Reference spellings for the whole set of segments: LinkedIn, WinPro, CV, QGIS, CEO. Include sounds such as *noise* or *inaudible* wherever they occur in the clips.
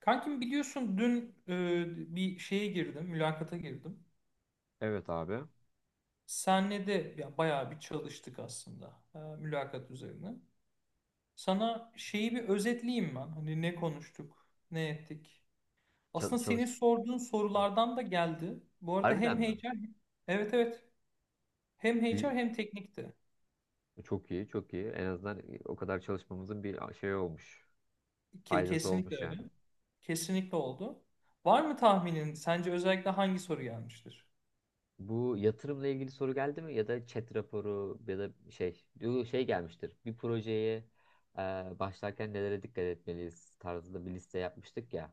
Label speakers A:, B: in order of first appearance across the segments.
A: Kankim biliyorsun dün bir şeye girdim, mülakata girdim.
B: Evet abi.
A: Senle de ya, bayağı bir çalıştık aslında mülakat üzerine. Sana şeyi bir özetleyeyim ben. Hani ne konuştuk, ne ettik.
B: Çal
A: Aslında
B: çalış...
A: senin sorduğun
B: Hı.
A: sorulardan da geldi. Bu arada
B: Harbiden
A: hem
B: mi?
A: HR, evet evet. Hem
B: Büyü-
A: HR hem teknikti.
B: Çok iyi, çok iyi. En azından o kadar çalışmamızın bir şey olmuş. Faydası
A: Kesinlikle
B: olmuş
A: öyle.
B: yani.
A: Kesinlikle oldu. Var mı tahminin? Sence özellikle hangi soru gelmiştir?
B: Bu yatırımla ilgili soru geldi mi? Ya da chat raporu ya da şey gelmiştir. Bir projeye e, başlarken nelere dikkat etmeliyiz tarzında bir liste yapmıştık ya.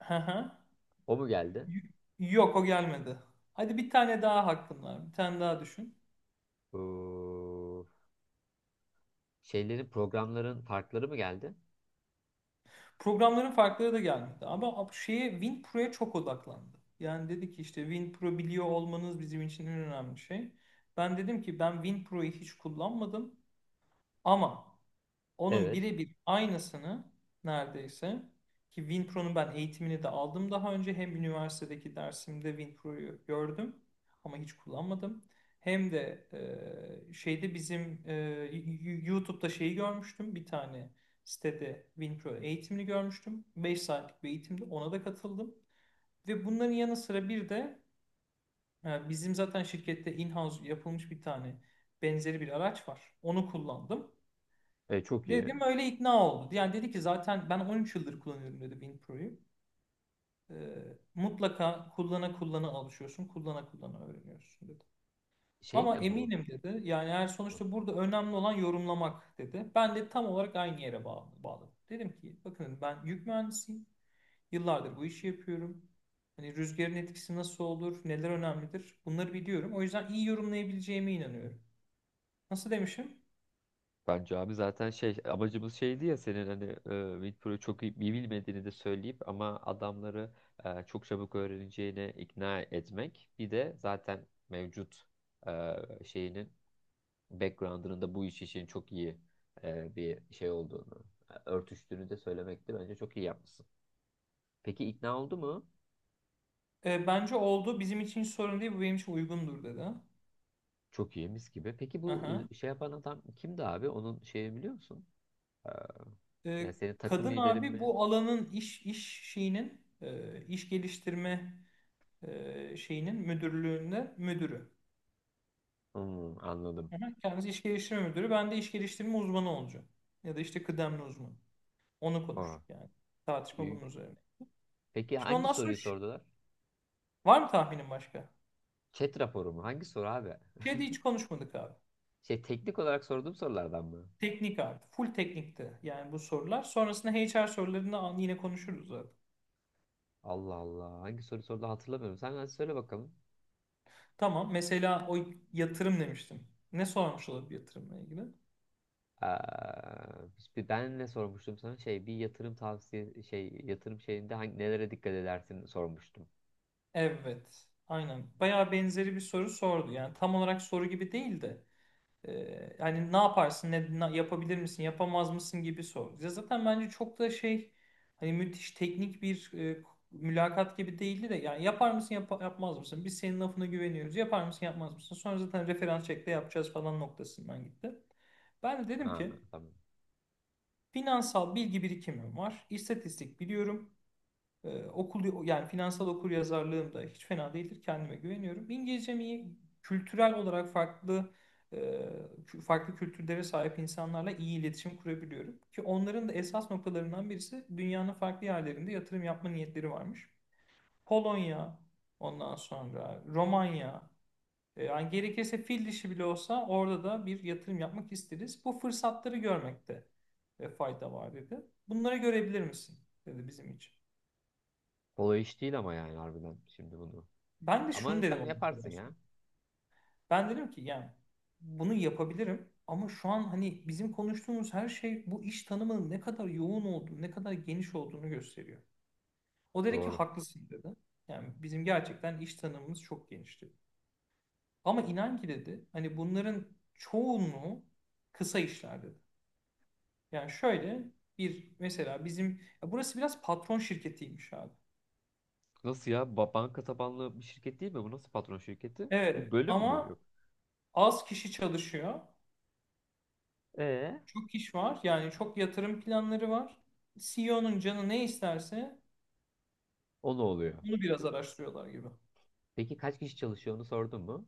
A: *laughs*
B: O mu geldi?
A: Y- Yok o gelmedi. Hadi bir tane daha hakkın var. Bir tane daha düşün.
B: Bu şeylerin programların farkları mı geldi?
A: Programların farkları da gelmedi. Ama şeye WinPro'ya çok odaklandı. Yani dedi ki işte WinPro biliyor olmanız bizim için en önemli şey. Ben dedim ki ben WinPro'yu hiç kullanmadım ama onun
B: Evet.
A: birebir aynısını neredeyse ki WinPro'nun ben eğitimini de aldım daha önce. Hem üniversitedeki dersimde WinPro'yu gördüm ama hiç kullanmadım. Hem de şeyde bizim YouTube'da şeyi görmüştüm. Bir tane sitede WinPro eğitimini görmüştüm. 5 saatlik bir eğitimde ona da katıldım. Ve bunların yanı sıra bir de bizim zaten şirkette in-house yapılmış bir tane benzeri bir araç var. Onu kullandım.
B: E, çok iyi.
A: Dedim öyle ikna oldu. Yani dedi ki zaten ben 13 yıldır kullanıyorum dedi WinPro'yu. Ee, Mutlaka kullana kullana alışıyorsun, kullana kullana öğreniyorsun dedi.
B: Şey
A: Ama
B: mi bu?
A: eminim dedi. Yani eğer sonuçta burada önemli olan yorumlamak dedi. Ben de tam olarak aynı yere bağladım. Dedim ki bakın ben yük mühendisiyim. Yıllardır bu işi yapıyorum. Hani rüzgarın etkisi nasıl olur, neler önemlidir bunları biliyorum. O yüzden iyi yorumlayabileceğime inanıyorum. Nasıl demişim?
B: Bence abi zaten şey amacımız şeydi ya senin hani Winpro'yu çok iyi bilmediğini de söyleyip ama adamları çok çabuk öğreneceğine ikna etmek. Bir de zaten mevcut e, şeyinin background'ının da bu iş için çok iyi bir şey olduğunu, örtüştüğünü de söylemekti. Bence çok iyi yapmışsın. Peki ikna oldu mu?
A: Bence oldu. Bizim için hiç sorun değil. Bu benim için uygundur dedi.
B: Çok iyi mis gibi. Peki bu
A: Aha.
B: şey yapan adam kimdi abi? Onun şeyi biliyor musun? E,
A: E,
B: yani senin takım
A: Kadın
B: liderin
A: abi
B: mi?
A: bu alanın iş şeyinin iş geliştirme şeyinin müdürlüğünde müdürü.
B: Hmm, anladım.
A: Hı hı. Kendisi iş geliştirme müdürü. Ben de iş geliştirme uzmanı olacağım. Ya da işte kıdemli uzman. Onu
B: Aa.
A: konuştuk yani. Tartışma bunun
B: Büyük.
A: üzerine.
B: Peki
A: Şimdi
B: hangi
A: ondan sonra
B: soruyu sordular?
A: var mı tahminin başka?
B: Chat raporu mu? Hangi soru abi?
A: Şey de hiç konuşmadık abi.
B: *laughs* Şey teknik olarak sorduğum sorulardan mı?
A: Teknik abi. Full teknikti yani bu sorular. Sonrasında HR sorularını yine konuşuruz zaten.
B: Allah Allah. Hangi soru sordu hatırlamıyorum. Sen hadi söyle bakalım.
A: Tamam. Mesela o yatırım demiştim. Ne sormuş olabilir yatırımla ilgili?
B: Ee, ben ne sormuştum sana? Şey bir yatırım şeyinde hangi, nelere dikkat edersin sormuştum.
A: Evet, aynen. Bayağı benzeri bir soru sordu. Yani tam olarak soru gibi değil de hani ne yaparsın, yapabilir misin, yapamaz mısın gibi sordu. Ya zaten bence çok da şey hani müthiş teknik bir mülakat gibi değildi de yani yapar mısın, yapmaz mısın? Biz senin lafına güveniyoruz. Yapar mısın, yapmaz mısın? Sonra zaten referans çekte yapacağız falan noktasından gitti. Ben de
B: Ha,
A: dedim ki
B: tamam.
A: finansal bilgi birikimim var. İstatistik biliyorum. Okul yani finansal okuryazarlığım da hiç fena değildir. Kendime güveniyorum. İngilizcem iyi. Kültürel olarak farklı e, farklı kültürlere sahip insanlarla iyi iletişim kurabiliyorum. Ki onların da esas noktalarından birisi dünyanın farklı yerlerinde yatırım yapma niyetleri varmış. Polonya, ondan sonra Romanya, yani gerekirse fil dişi bile olsa orada da bir yatırım yapmak isteriz. Bu fırsatları görmekte fayda var dedi. Bunları görebilir misin, dedi bizim için.
B: Kolay iş değil ama yani harbiden şimdi bunu.
A: Ben de
B: Ama
A: şunu dedim
B: sen
A: o noktada
B: yaparsın ya.
A: Osman. Ben dedim ki yani bunu yapabilirim ama şu an hani bizim konuştuğumuz her şey bu iş tanımının ne kadar yoğun olduğunu, ne kadar geniş olduğunu gösteriyor. O dedi ki
B: Doğru.
A: haklısın dedi. Yani bizim gerçekten iş tanımımız çok genişti. Ama inan ki dedi hani bunların çoğunluğu kısa işler dedi. Yani şöyle bir mesela bizim ya burası biraz patron şirketiymiş abi.
B: Nasıl ya? Banka tabanlı bir şirket değil mi? Bu nasıl patron şirketi? Bu
A: Evet
B: bölüm mü?
A: ama
B: Yok.
A: az kişi çalışıyor.
B: Ee,
A: Çok iş var. Yani çok yatırım planları var. CEO'nun canı ne isterse
B: o ne oluyor?
A: onu biraz araştırıyorlar gibi.
B: Peki kaç kişi çalışıyor onu sordun mu?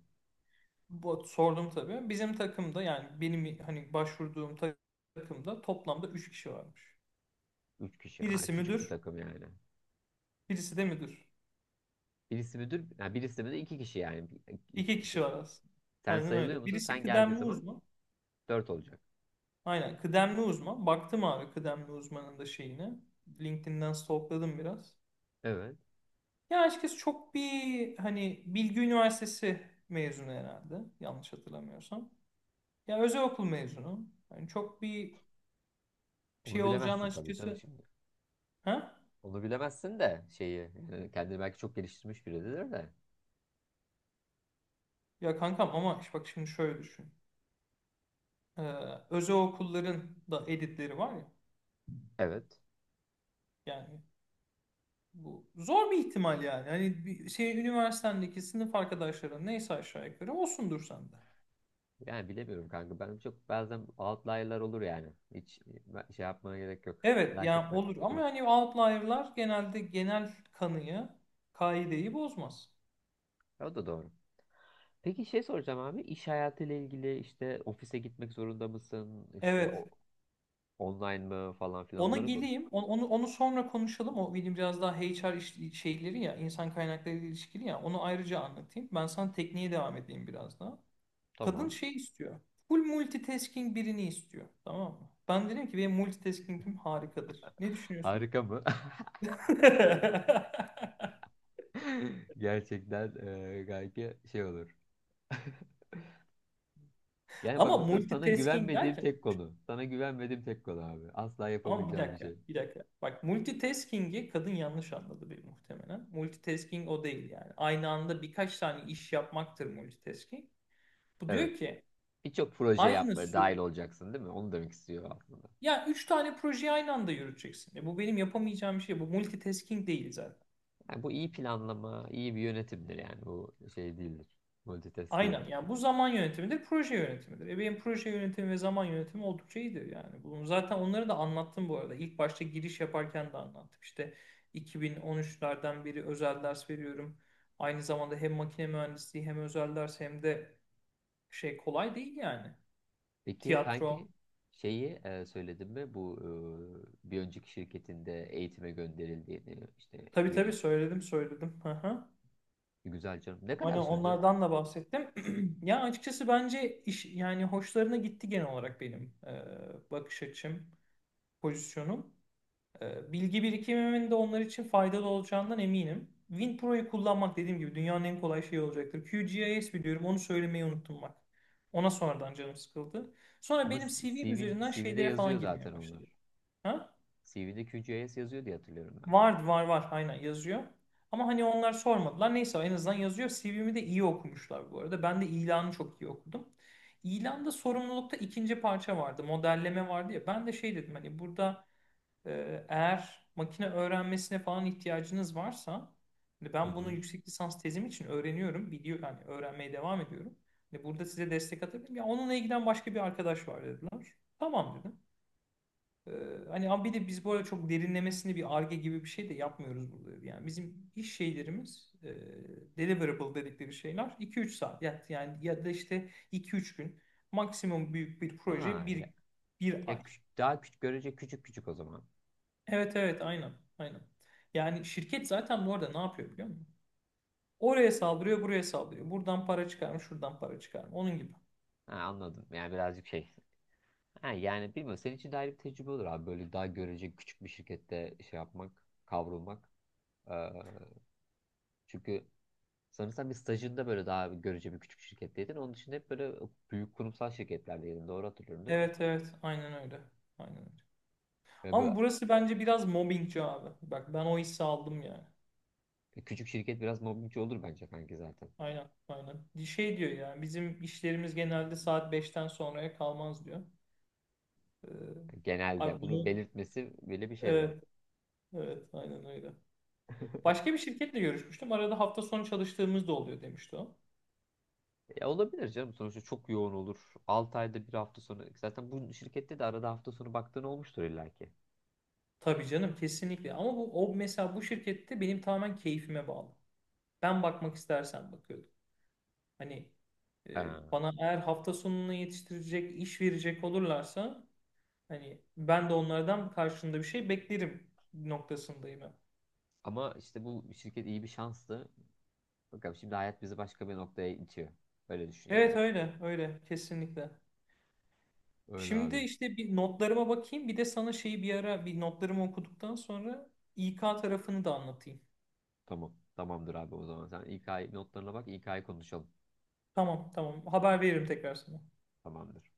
A: Bu, sordum tabii. Bizim takımda yani benim hani başvurduğum takımda toplamda 3 kişi varmış.
B: Üç kişi. Ha,
A: Birisi
B: küçük bir
A: müdür,
B: takım yani.
A: birisi de müdür.
B: Birisi müdür, ha, birisi de iki kişi yani.
A: 2 kişi var aslında.
B: Sen
A: Aynen
B: sayılıyor
A: öyle.
B: musun?
A: Birisi
B: Sen geldiği
A: kıdemli
B: zaman
A: uzman.
B: dört olacak.
A: Aynen kıdemli uzman. Baktım abi kıdemli uzmanın da şeyine. LinkedIn'den stalkladım biraz.
B: Evet.
A: Ya açıkçası çok bir hani Bilgi Üniversitesi mezunu herhalde yanlış hatırlamıyorsam. Ya özel okul mezunu. Yani çok bir
B: Onu
A: şey olacağını
B: bilemezsin tabii canım
A: açıkçası.
B: şimdi.
A: Ha?
B: Onu bilemezsin de şeyi yani kendini belki çok geliştirmiş biridir de.
A: Ya kankam ama işte bak şimdi şöyle düşün. Ee, Özel okulların da editleri var ya.
B: Evet.
A: Yani bu zor bir ihtimal yani. Hani bir şey üniversitendeki sınıf arkadaşların neyse aşağı yukarı olsundur sende.
B: Yani bilemiyorum kanka. Ben çok bazen outlier'lar olur yani. Şey yapmana gerek yok.
A: Evet
B: Merak
A: yani
B: etme.
A: olur ama
B: Olabilir.
A: hani outlier'lar genelde genel kanıyı, kaideyi bozmaz.
B: O da doğru. Peki şey soracağım abi. İş hayatıyla ilgili işte ofise gitmek zorunda mısın? İşte
A: Evet.
B: o, online mı falan filan
A: Ona
B: onları konuş.
A: geleyim. Onu, onu, onu sonra konuşalım. O benim biraz daha HR şeyleri ya, insan kaynakları ile ilişkili ya. Onu ayrıca anlatayım. Ben sana tekniğe devam edeyim biraz daha. Kadın
B: Tamam.
A: şey istiyor. Full multitasking birini istiyor. Tamam mı? Ben dedim ki benim multitasking'im harikadır. Ne
B: *laughs*
A: düşünüyorsun?
B: Harika mı?
A: *laughs*
B: *laughs* Gerçekten gayet şey olur. *laughs* Yani bak
A: Ama
B: mesela sana
A: multitasking
B: güvenmediğim
A: derken
B: tek konu. Sana güvenmediğim tek konu abi. Asla
A: ama bir
B: yapamayacağım bir
A: dakika,
B: şey.
A: bir dakika. Bak multitasking'i kadın yanlış anladı bir muhtemelen. Multitasking o değil yani. Aynı anda birkaç tane iş yapmaktır multitasking. Bu
B: Evet.
A: diyor ki,
B: Birçok proje
A: Aynı
B: yapmaya dahil
A: sü
B: olacaksın değil mi? Onu demek istiyor aslında.
A: ya 3 tane projeyi aynı anda yürüteceksin. E bu benim yapamayacağım bir şey. Bu multitasking değil zaten.
B: Yani bu iyi planlama, iyi bir yönetimdir yani. Bu şey değildir. Multitask
A: Aynen.
B: değildir.
A: Yani bu zaman yönetimidir, proje yönetimidir. E benim proje yönetimi ve zaman yönetimi oldukça iyidir yani. Bunu zaten onları da anlattım bu arada. İlk başta giriş yaparken de anlattım. İşte 2013'lerden beri özel ders veriyorum. Aynı zamanda hem makine mühendisliği hem özel ders hem de şey kolay değil yani.
B: Peki
A: Tiyatro.
B: kanki şeyi söyledim mi? Bu bir önceki şirketinde eğitime gönderildiğini, işte
A: Tabii tabii söyledim söyledim. *laughs*
B: Güzel canım. Ne
A: Hani
B: kadar sürdü?
A: onlardan da bahsettim. *clears throat* Ya açıkçası bence iş yani hoşlarına gitti genel olarak benim bakış açım, pozisyonum. Bilgi birikimimin de onlar için faydalı olacağından eminim. WinPro'yu kullanmak dediğim gibi dünyanın en kolay şeyi olacaktır. QGIS biliyorum onu söylemeyi unuttum bak. Ona sonradan canım sıkıldı. Sonra
B: Ama
A: benim CV'm
B: CV,
A: üzerinden
B: CV'de
A: şeylere
B: yazıyor
A: falan
B: zaten
A: girmeye başladı.
B: onlar.
A: Ha?
B: CV'de QGIS yazıyor diye hatırlıyorum ben.
A: Var var var aynen yazıyor. Ama hani onlar sormadılar. Neyse en azından yazıyor. CV'mi de iyi okumuşlar bu arada. Ben de ilanı çok iyi okudum. İlanda sorumlulukta ikinci parça vardı. Modelleme vardı ya. Ben de şey dedim hani burada eğer makine öğrenmesine falan ihtiyacınız varsa hani
B: Hı
A: ben bunu
B: hı.
A: yüksek lisans tezim için öğreniyorum. Biliyor yani öğrenmeye devam ediyorum. Hani burada size destek atabilirim. Ya onunla ilgilen başka bir arkadaş var dediler. Tamam dedim. Ee, Hani ama bir de biz bu arada çok derinlemesine bir arge gibi bir şey de yapmıyoruz burada. Yani bizim iş şeylerimiz deliverable dedikleri şeyler iki üç saat yani ya da işte iki üç gün maksimum büyük bir proje,
B: Aa, ya,
A: bir
B: ya
A: ay.
B: küç- daha küçük görece küçük küçük o zaman.
A: Evet evet aynen aynen. Yani şirket zaten bu arada ne yapıyor biliyor musun? Oraya saldırıyor buraya saldırıyor. Buradan para çıkar mı şuradan para çıkar mı onun gibi.
B: Ha, anladım. Yani birazcık şey. Ha, yani bilmiyorum. Senin için de ayrı bir tecrübe olur abi. Böyle daha görece küçük bir şirkette şey yapmak, kavrulmak. Ee, çünkü sanırsam bir stajında böyle daha görece bir küçük şirketteydin. Onun dışında hep böyle büyük kurumsal şirketlerdeydin. Doğru hatırlıyorum değil mi?
A: Evet evet aynen öyle. Aynen öyle.
B: Ve
A: Ama
B: böyle
A: burası bence biraz mobbingci abi. Bak ben o hissi aldım yani.
B: küçük şirket biraz mobbingçi olur bence kanki zaten.
A: Aynen, aynen. Şey diyor ya, bizim işlerimiz genelde saat 5'ten sonraya kalmaz diyor. Ee,
B: Genelde
A: Abi
B: bunu
A: bunu,
B: belirtmesi bile bir şey zaten.
A: evet, evet, aynen öyle.
B: *laughs*
A: Başka bir şirketle görüşmüştüm. Arada hafta sonu çalıştığımız da oluyor demişti o.
B: Ya olabilir canım. Sonuçta çok yoğun olur. 6 ayda bir hafta sonu. Zaten bu şirkette de arada hafta sonu baktığın olmuştur illaki.
A: Tabii canım, kesinlikle. Ama bu o mesela bu şirkette benim tamamen keyfime bağlı. Ben bakmak istersen bakıyordum. Hani
B: Ee,
A: bana eğer hafta sonunu yetiştirecek, iş verecek olurlarsa hani ben de onlardan karşında bir şey beklerim noktasındayım.
B: ama işte bu şirket iyi bir şanstı. Bakalım şimdi hayat bizi başka bir noktaya itiyor. Öyle düşün yani.
A: Evet öyle öyle kesinlikle.
B: Öyle
A: Şimdi
B: abi.
A: işte bir notlarıma bakayım bir de sana şeyi bir ara bir notlarımı okuduktan sonra İK tarafını da anlatayım.
B: Tamam. Tamamdır abi o zaman. Sen İK notlarına bak. İK'yı konuşalım.
A: Tamam tamam haber veririm tekrar sana.
B: Tamamdır.